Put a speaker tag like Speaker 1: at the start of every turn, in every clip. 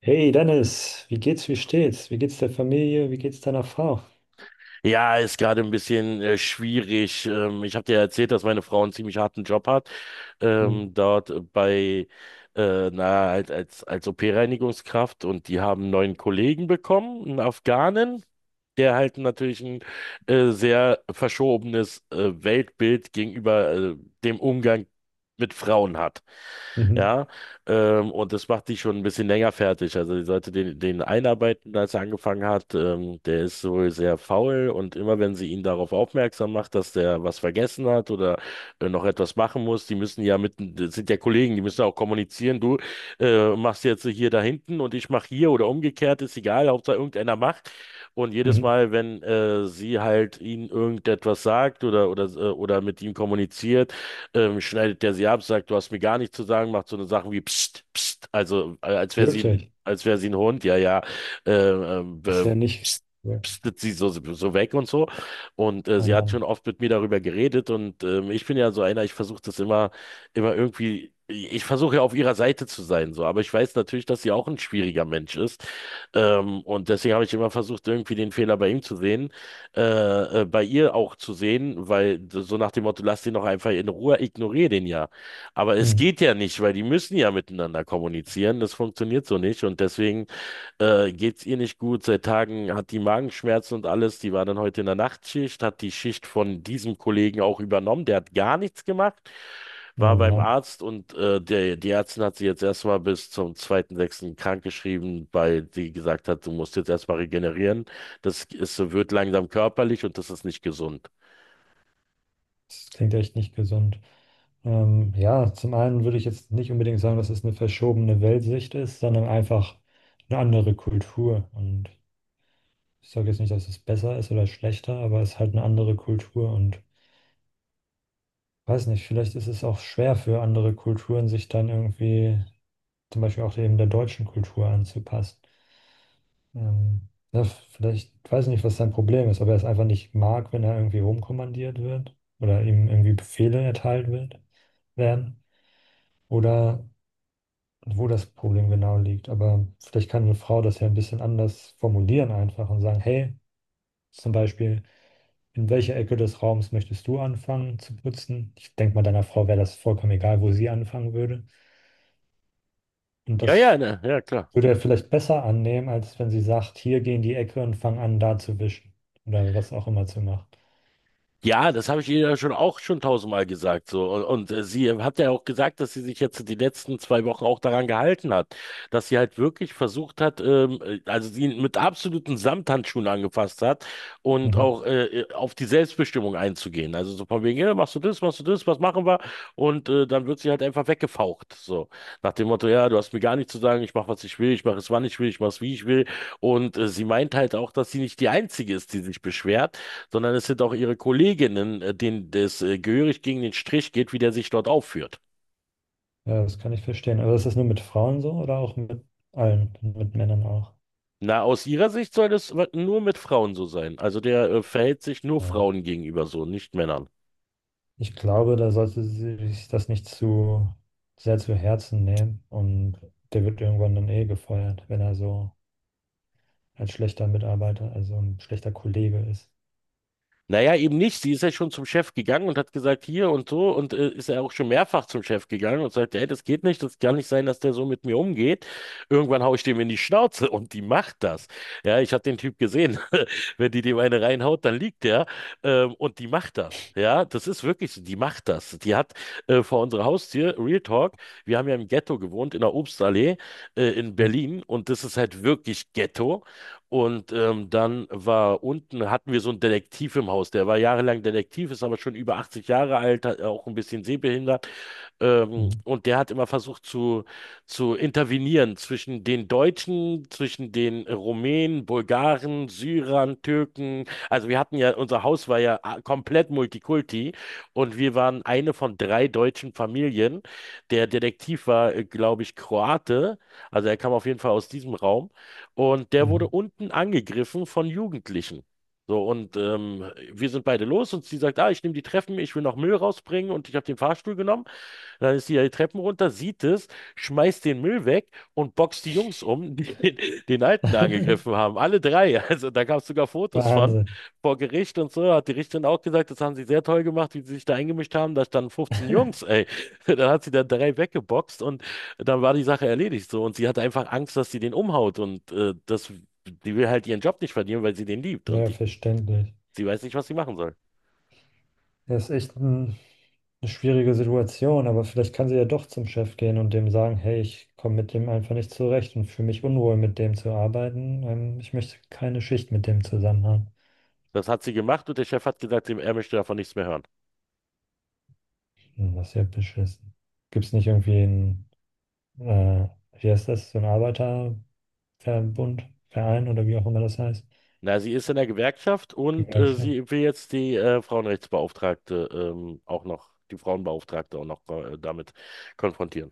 Speaker 1: Hey Dennis, wie geht's, wie steht's? Wie geht's der Familie? Wie geht's deiner Frau?
Speaker 2: Ja, ist gerade ein bisschen schwierig. Ich habe dir ja erzählt, dass meine Frau einen ziemlich harten Job hat,
Speaker 1: Hm.
Speaker 2: dort bei, als OP-Reinigungskraft, und die haben einen neuen Kollegen bekommen, einen Afghanen, der halt natürlich ein sehr verschobenes Weltbild gegenüber dem Umgang mit Frauen hat.
Speaker 1: Mhm.
Speaker 2: Ja. Und das macht die schon ein bisschen länger fertig. Also die sollte den einarbeiten, als er angefangen hat. Der ist wohl sehr faul, und immer wenn sie ihn darauf aufmerksam macht, dass der was vergessen hat oder noch etwas machen muss, die müssen ja mit, das sind ja Kollegen, die müssen ja auch kommunizieren. Du machst jetzt hier da hinten und ich mach hier oder umgekehrt, ist egal, Hauptsache irgendeiner macht. Und jedes
Speaker 1: Mhm.
Speaker 2: Mal, wenn sie halt ihn irgendetwas sagt oder mit ihm kommuniziert, schneidet der sie ab, sagt, du hast mir gar nichts zu sagen, macht so eine Sachen wie Psst, Psst, also
Speaker 1: Wirklich?
Speaker 2: als wäre sie ein Hund. Ja, ja, äh, ähm,
Speaker 1: Das ist
Speaker 2: äh,
Speaker 1: ja nicht.
Speaker 2: pst- pstet sie so, weg und so. Und
Speaker 1: Oh
Speaker 2: sie hat schon
Speaker 1: Mann.
Speaker 2: oft mit mir darüber geredet, und ich bin ja so einer, ich versuche das immer, immer irgendwie, ich versuche ja auf ihrer Seite zu sein, so, aber ich weiß natürlich, dass sie auch ein schwieriger Mensch ist. Und deswegen habe ich immer versucht, irgendwie den Fehler bei ihm zu sehen, bei ihr auch zu sehen, weil, so nach dem Motto, lass den doch einfach in Ruhe, ignoriere den ja. Aber es
Speaker 1: Hm.
Speaker 2: geht ja nicht, weil die müssen ja miteinander kommunizieren. Das funktioniert so nicht, und deswegen geht's ihr nicht gut. Seit Tagen hat die Magenschmerzen und alles. Die war dann heute in der Nachtschicht, hat die Schicht von diesem Kollegen auch übernommen. Der hat gar nichts gemacht. War
Speaker 1: Oh
Speaker 2: beim
Speaker 1: Mann.
Speaker 2: Arzt, und die Ärztin hat sie jetzt erstmal bis zum 2.6. krankgeschrieben, weil sie gesagt hat, du musst jetzt erstmal regenerieren. Das ist, wird langsam körperlich, und das ist nicht gesund.
Speaker 1: Das klingt echt nicht gesund. Ja, zum einen würde ich jetzt nicht unbedingt sagen, dass es eine verschobene Weltsicht ist, sondern einfach eine andere Kultur. Und ich sage jetzt nicht, dass es besser ist oder schlechter, aber es ist halt eine andere Kultur. Und weiß nicht, vielleicht ist es auch schwer für andere Kulturen, sich dann irgendwie zum Beispiel auch eben der deutschen Kultur anzupassen. Ja, vielleicht, ich weiß nicht, was sein Problem ist, ob er es einfach nicht mag, wenn er irgendwie rumkommandiert wird oder ihm irgendwie Befehle erteilt wird, werden, oder wo das Problem genau liegt. Aber vielleicht kann eine Frau das ja ein bisschen anders formulieren einfach und sagen, hey, zum Beispiel, in welcher Ecke des Raums möchtest du anfangen zu putzen? Ich denke mal, deiner Frau wäre das vollkommen egal, wo sie anfangen würde. Und
Speaker 2: Ja, ja,
Speaker 1: das
Speaker 2: ne, ja, klar.
Speaker 1: würde er vielleicht besser annehmen, als wenn sie sagt, hier geh in die Ecke und fang an, da zu wischen. Oder was auch immer zu machen.
Speaker 2: Ja, das habe ich ihr ja schon auch schon tausendmal gesagt. So. Und sie hat ja auch gesagt, dass sie sich jetzt die letzten 2 Wochen auch daran gehalten hat, dass sie halt wirklich versucht hat, also sie mit absoluten Samthandschuhen angefasst hat und
Speaker 1: Mhm.
Speaker 2: auch auf die Selbstbestimmung einzugehen. Also so von wegen, ja, machst du das, was machen wir? Und dann wird sie halt einfach weggefaucht. So. Nach dem Motto, ja, du hast mir gar nichts zu sagen, ich mache, was ich will, ich mache es, wann ich will, ich mache es, wie ich will. Und sie meint halt auch, dass sie nicht die Einzige ist, die sich beschwert, sondern es sind auch ihre Kolleginnen, denen das gehörig gegen den Strich geht, wie der sich dort aufführt.
Speaker 1: Ja, das kann ich verstehen. Aber ist das nur mit Frauen so oder auch mit allen, mit Männern auch?
Speaker 2: Na, aus ihrer Sicht soll das nur mit Frauen so sein. Also der verhält sich nur
Speaker 1: Ja.
Speaker 2: Frauen gegenüber so, nicht Männern.
Speaker 1: Ich glaube, da sollte sie sich das nicht zu sehr zu Herzen nehmen. Und der wird irgendwann dann eh gefeuert, wenn er so ein schlechter Mitarbeiter, also ein schlechter Kollege ist.
Speaker 2: Naja, eben nicht. Sie ist ja schon zum Chef gegangen und hat gesagt, hier und so. Und ist ja auch schon mehrfach zum Chef gegangen und sagt, ey, das geht nicht, das kann nicht sein, dass der so mit mir umgeht. Irgendwann hau ich dem in die Schnauze, und die macht das. Ja, ich habe den Typ gesehen. Wenn die dem eine reinhaut, dann liegt der. Und die macht das. Ja, das ist wirklich so, die macht das. Die hat vor unserer Haustür, Real Talk, wir haben ja im Ghetto gewohnt, in der Obstallee in
Speaker 1: Mhm.
Speaker 2: Berlin. Und das ist halt wirklich Ghetto. Und dann war unten, hatten wir so einen Detektiv im Haus, der war jahrelang Detektiv, ist aber schon über 80 Jahre alt, hat auch ein bisschen sehbehindert.
Speaker 1: Mhm.
Speaker 2: Und der hat immer versucht, zu intervenieren zwischen den Deutschen, zwischen den Rumänen, Bulgaren, Syrern, Türken. Also wir hatten ja, unser Haus war ja komplett Multikulti, und wir waren eine von drei deutschen Familien. Der Detektiv war, glaube ich, Kroate. Also er kam auf jeden Fall aus diesem Raum. Und der wurde
Speaker 1: Mhm.
Speaker 2: unten angegriffen von Jugendlichen. So, und wir sind beide los, und sie sagt, ah, ich nehme die Treppen, ich will noch Müll rausbringen, und ich habe den Fahrstuhl genommen. Dann ist sie ja die Treppen runter, sieht es, schmeißt den Müll weg und boxt die Jungs um, die den Alten da angegriffen haben. Alle drei. Also da gab es sogar Fotos von
Speaker 1: Wahnsinn.
Speaker 2: vor Gericht und so. Hat die Richterin auch gesagt, das haben sie sehr toll gemacht, wie sie sich da eingemischt haben. Da standen 15 Jungs, ey. Dann hat sie da drei weggeboxt, und dann war die Sache erledigt so. Und sie hatte einfach Angst, dass sie den umhaut, und die will halt ihren Job nicht verlieren, weil sie den liebt. Und
Speaker 1: Ja,
Speaker 2: ich,
Speaker 1: verständlich.
Speaker 2: sie weiß nicht, was sie machen soll.
Speaker 1: Er ist echt ein, eine schwierige Situation, aber vielleicht kann sie ja doch zum Chef gehen und dem sagen, hey, ich komme mit dem einfach nicht zurecht und fühle mich unwohl, mit dem zu arbeiten. Ich möchte keine Schicht mit dem zusammen haben.
Speaker 2: Das hat sie gemacht, und der Chef hat gesagt, er möchte davon nichts mehr hören.
Speaker 1: Hm, das ist ja beschissen. Gibt es nicht irgendwie einen, äh, wie heißt das, so einen Arbeiterverbund, Verein oder wie auch immer das heißt?
Speaker 2: Na, sie ist in der Gewerkschaft, und
Speaker 1: Gewerkschaft?
Speaker 2: sie will jetzt die Frauenrechtsbeauftragte, auch noch, die Frauenbeauftragte auch noch damit konfrontieren.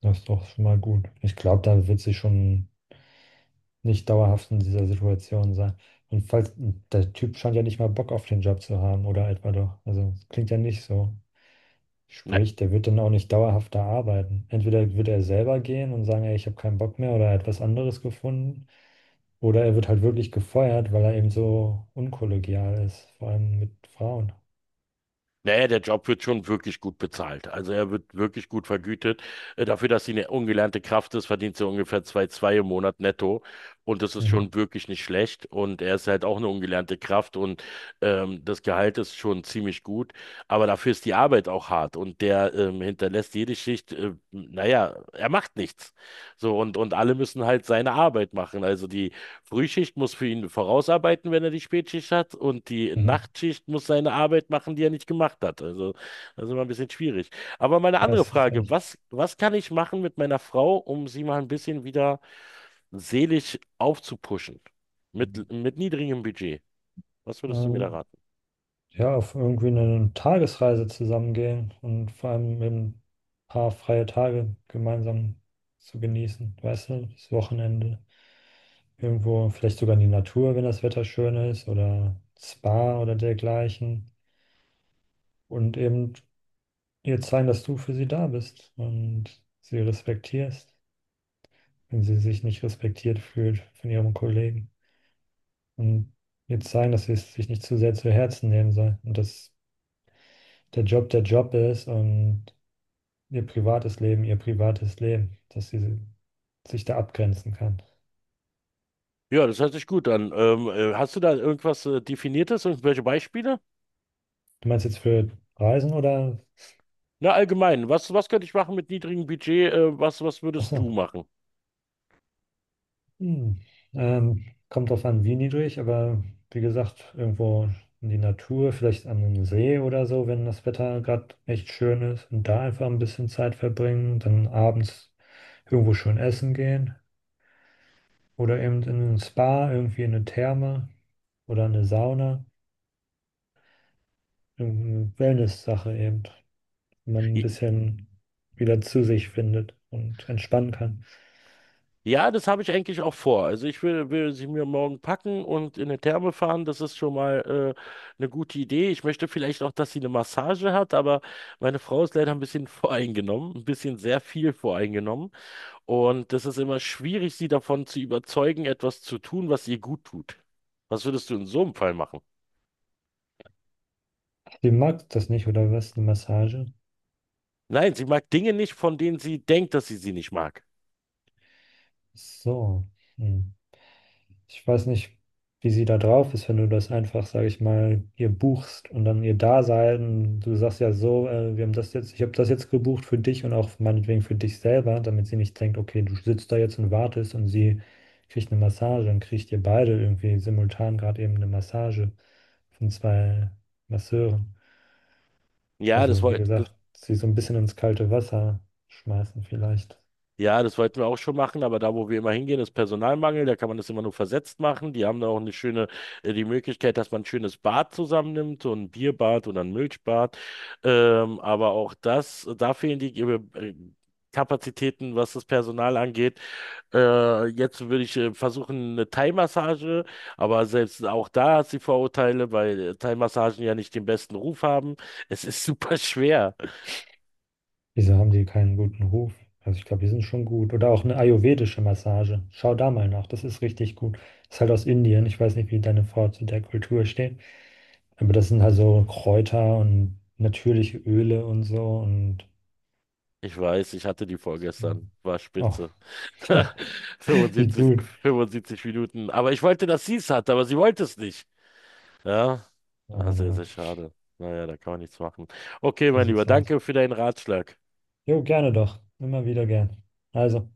Speaker 1: Das ist doch schon mal gut. Ich glaube, da wird sie schon nicht dauerhaft in dieser Situation sein. Und falls, der Typ scheint ja nicht mal Bock auf den Job zu haben, oder etwa doch. Also, es klingt ja nicht so.
Speaker 2: Na,
Speaker 1: Sprich, der wird dann auch nicht dauerhaft da arbeiten. Entweder wird er selber gehen und sagen, ey, ich habe keinen Bock mehr oder er hat was anderes gefunden. Oder er wird halt wirklich gefeuert, weil er eben so unkollegial ist, vor allem mit Frauen.
Speaker 2: Naja, der Job wird schon wirklich gut bezahlt. Also er wird wirklich gut vergütet. Dafür, dass sie eine ungelernte Kraft ist, verdient sie ungefähr 2,2 im Monat netto. Und das ist
Speaker 1: Mhm.
Speaker 2: schon wirklich nicht schlecht. Und er ist halt auch eine ungelernte Kraft, und das Gehalt ist schon ziemlich gut. Aber dafür ist die Arbeit auch hart. Und der hinterlässt jede Schicht, naja, er macht nichts. So, und alle müssen halt seine Arbeit machen. Also die Frühschicht muss für ihn vorausarbeiten, wenn er die Spätschicht hat, und die
Speaker 1: Mhm.
Speaker 2: Nachtschicht muss seine Arbeit machen, die er nicht gemacht hat. Also das ist immer ein bisschen schwierig. Aber meine andere
Speaker 1: Das ist
Speaker 2: Frage,
Speaker 1: echt.
Speaker 2: was kann ich machen mit meiner Frau, um sie mal ein bisschen wieder seelisch aufzupuschen? Mit niedrigem Budget. Was würdest du mir da
Speaker 1: Ähm,
Speaker 2: raten?
Speaker 1: ja, auf irgendwie eine Tagesreise zusammengehen und vor allem eben ein paar freie Tage gemeinsam zu genießen. Weißt du, das Wochenende. Irgendwo, vielleicht sogar in die Natur, wenn das Wetter schön ist, oder Spa oder dergleichen. Und eben ihr zeigen, dass du für sie da bist und sie respektierst, wenn sie sich nicht respektiert fühlt von ihrem Kollegen. Und ihr zeigen, dass sie es sich nicht zu sehr zu Herzen nehmen soll und dass der Job ist und ihr privates Leben, dass sie sich da abgrenzen kann.
Speaker 2: Ja, das hört sich gut an. Hast du da irgendwas Definiertes, und welche Beispiele?
Speaker 1: Du meinst jetzt für Reisen oder?
Speaker 2: Na, allgemein, was könnte ich machen mit niedrigem Budget? Was würdest du
Speaker 1: Achso.
Speaker 2: machen?
Speaker 1: Hm. Kommt drauf an, wie niedrig, aber wie gesagt, irgendwo in die Natur, vielleicht an einem See oder so, wenn das Wetter gerade echt schön ist und da einfach ein bisschen Zeit verbringen, dann abends irgendwo schön essen gehen oder eben in ein Spa, irgendwie in eine Therme oder eine Sauna, irgendeine Wellness-Sache eben, wo man ein bisschen wieder zu sich findet und entspannen kann.
Speaker 2: Ja, das habe ich eigentlich auch vor. Also ich will, will sie mir morgen packen und in eine Therme fahren. Das ist schon mal eine gute Idee. Ich möchte vielleicht auch, dass sie eine Massage hat, aber meine Frau ist leider ein bisschen voreingenommen, ein bisschen sehr viel voreingenommen. Und das ist immer schwierig, sie davon zu überzeugen, etwas zu tun, was ihr gut tut. Was würdest du in so einem Fall machen?
Speaker 1: Die mag das nicht oder was, eine Massage?
Speaker 2: Nein, sie mag Dinge nicht, von denen sie denkt, dass sie sie nicht mag.
Speaker 1: So. Hm. Ich weiß nicht, wie sie da drauf ist, wenn du das einfach, sage ich mal, ihr buchst und dann ihr Dasein. Du sagst ja so, wir haben das jetzt, ich habe das jetzt gebucht für dich und auch meinetwegen für dich selber, damit sie nicht denkt, okay, du sitzt da jetzt und wartest und sie kriegt eine Massage, dann kriegt ihr beide irgendwie simultan gerade eben eine Massage von 2 Masseuren.
Speaker 2: Ja, das
Speaker 1: Also, wie
Speaker 2: wollte.
Speaker 1: gesagt, sie so ein bisschen ins kalte Wasser schmeißen vielleicht.
Speaker 2: Ja, das wollten wir auch schon machen, aber da, wo wir immer hingehen, ist Personalmangel. Da kann man das immer nur versetzt machen. Die haben da auch eine schöne, die Möglichkeit, dass man ein schönes Bad zusammennimmt, so ein Bierbad oder ein Milchbad. Aber auch das, da fehlen die Kapazitäten, was das Personal angeht. Jetzt würde ich versuchen, eine Thai-Massage, aber selbst auch da hat sie Vorurteile, weil Thai-Massagen ja nicht den besten Ruf haben. Es ist super schwer.
Speaker 1: Wieso haben die keinen guten Ruf? Also ich glaube, die sind schon gut. Oder auch eine ayurvedische Massage. Schau da mal nach, das ist richtig gut. Ist halt aus Indien. Ich weiß nicht, wie deine Frau zu der Kultur steht. Aber das sind halt so Kräuter und natürliche Öle und so. Und
Speaker 2: Ich weiß, ich hatte die vorgestern. War
Speaker 1: oh,
Speaker 2: spitze.
Speaker 1: wie
Speaker 2: 75,
Speaker 1: gut.
Speaker 2: 75 Minuten. Aber ich wollte, dass sie es hat, aber sie wollte es nicht. Ja,
Speaker 1: Oh
Speaker 2: ah,
Speaker 1: Mann, oh
Speaker 2: sehr, sehr
Speaker 1: Mann.
Speaker 2: schade. Naja, da kann man nichts machen. Okay,
Speaker 1: So
Speaker 2: mein Lieber,
Speaker 1: sieht's aus.
Speaker 2: danke für deinen Ratschlag.
Speaker 1: Jo, gerne doch. Immer wieder gern. Also.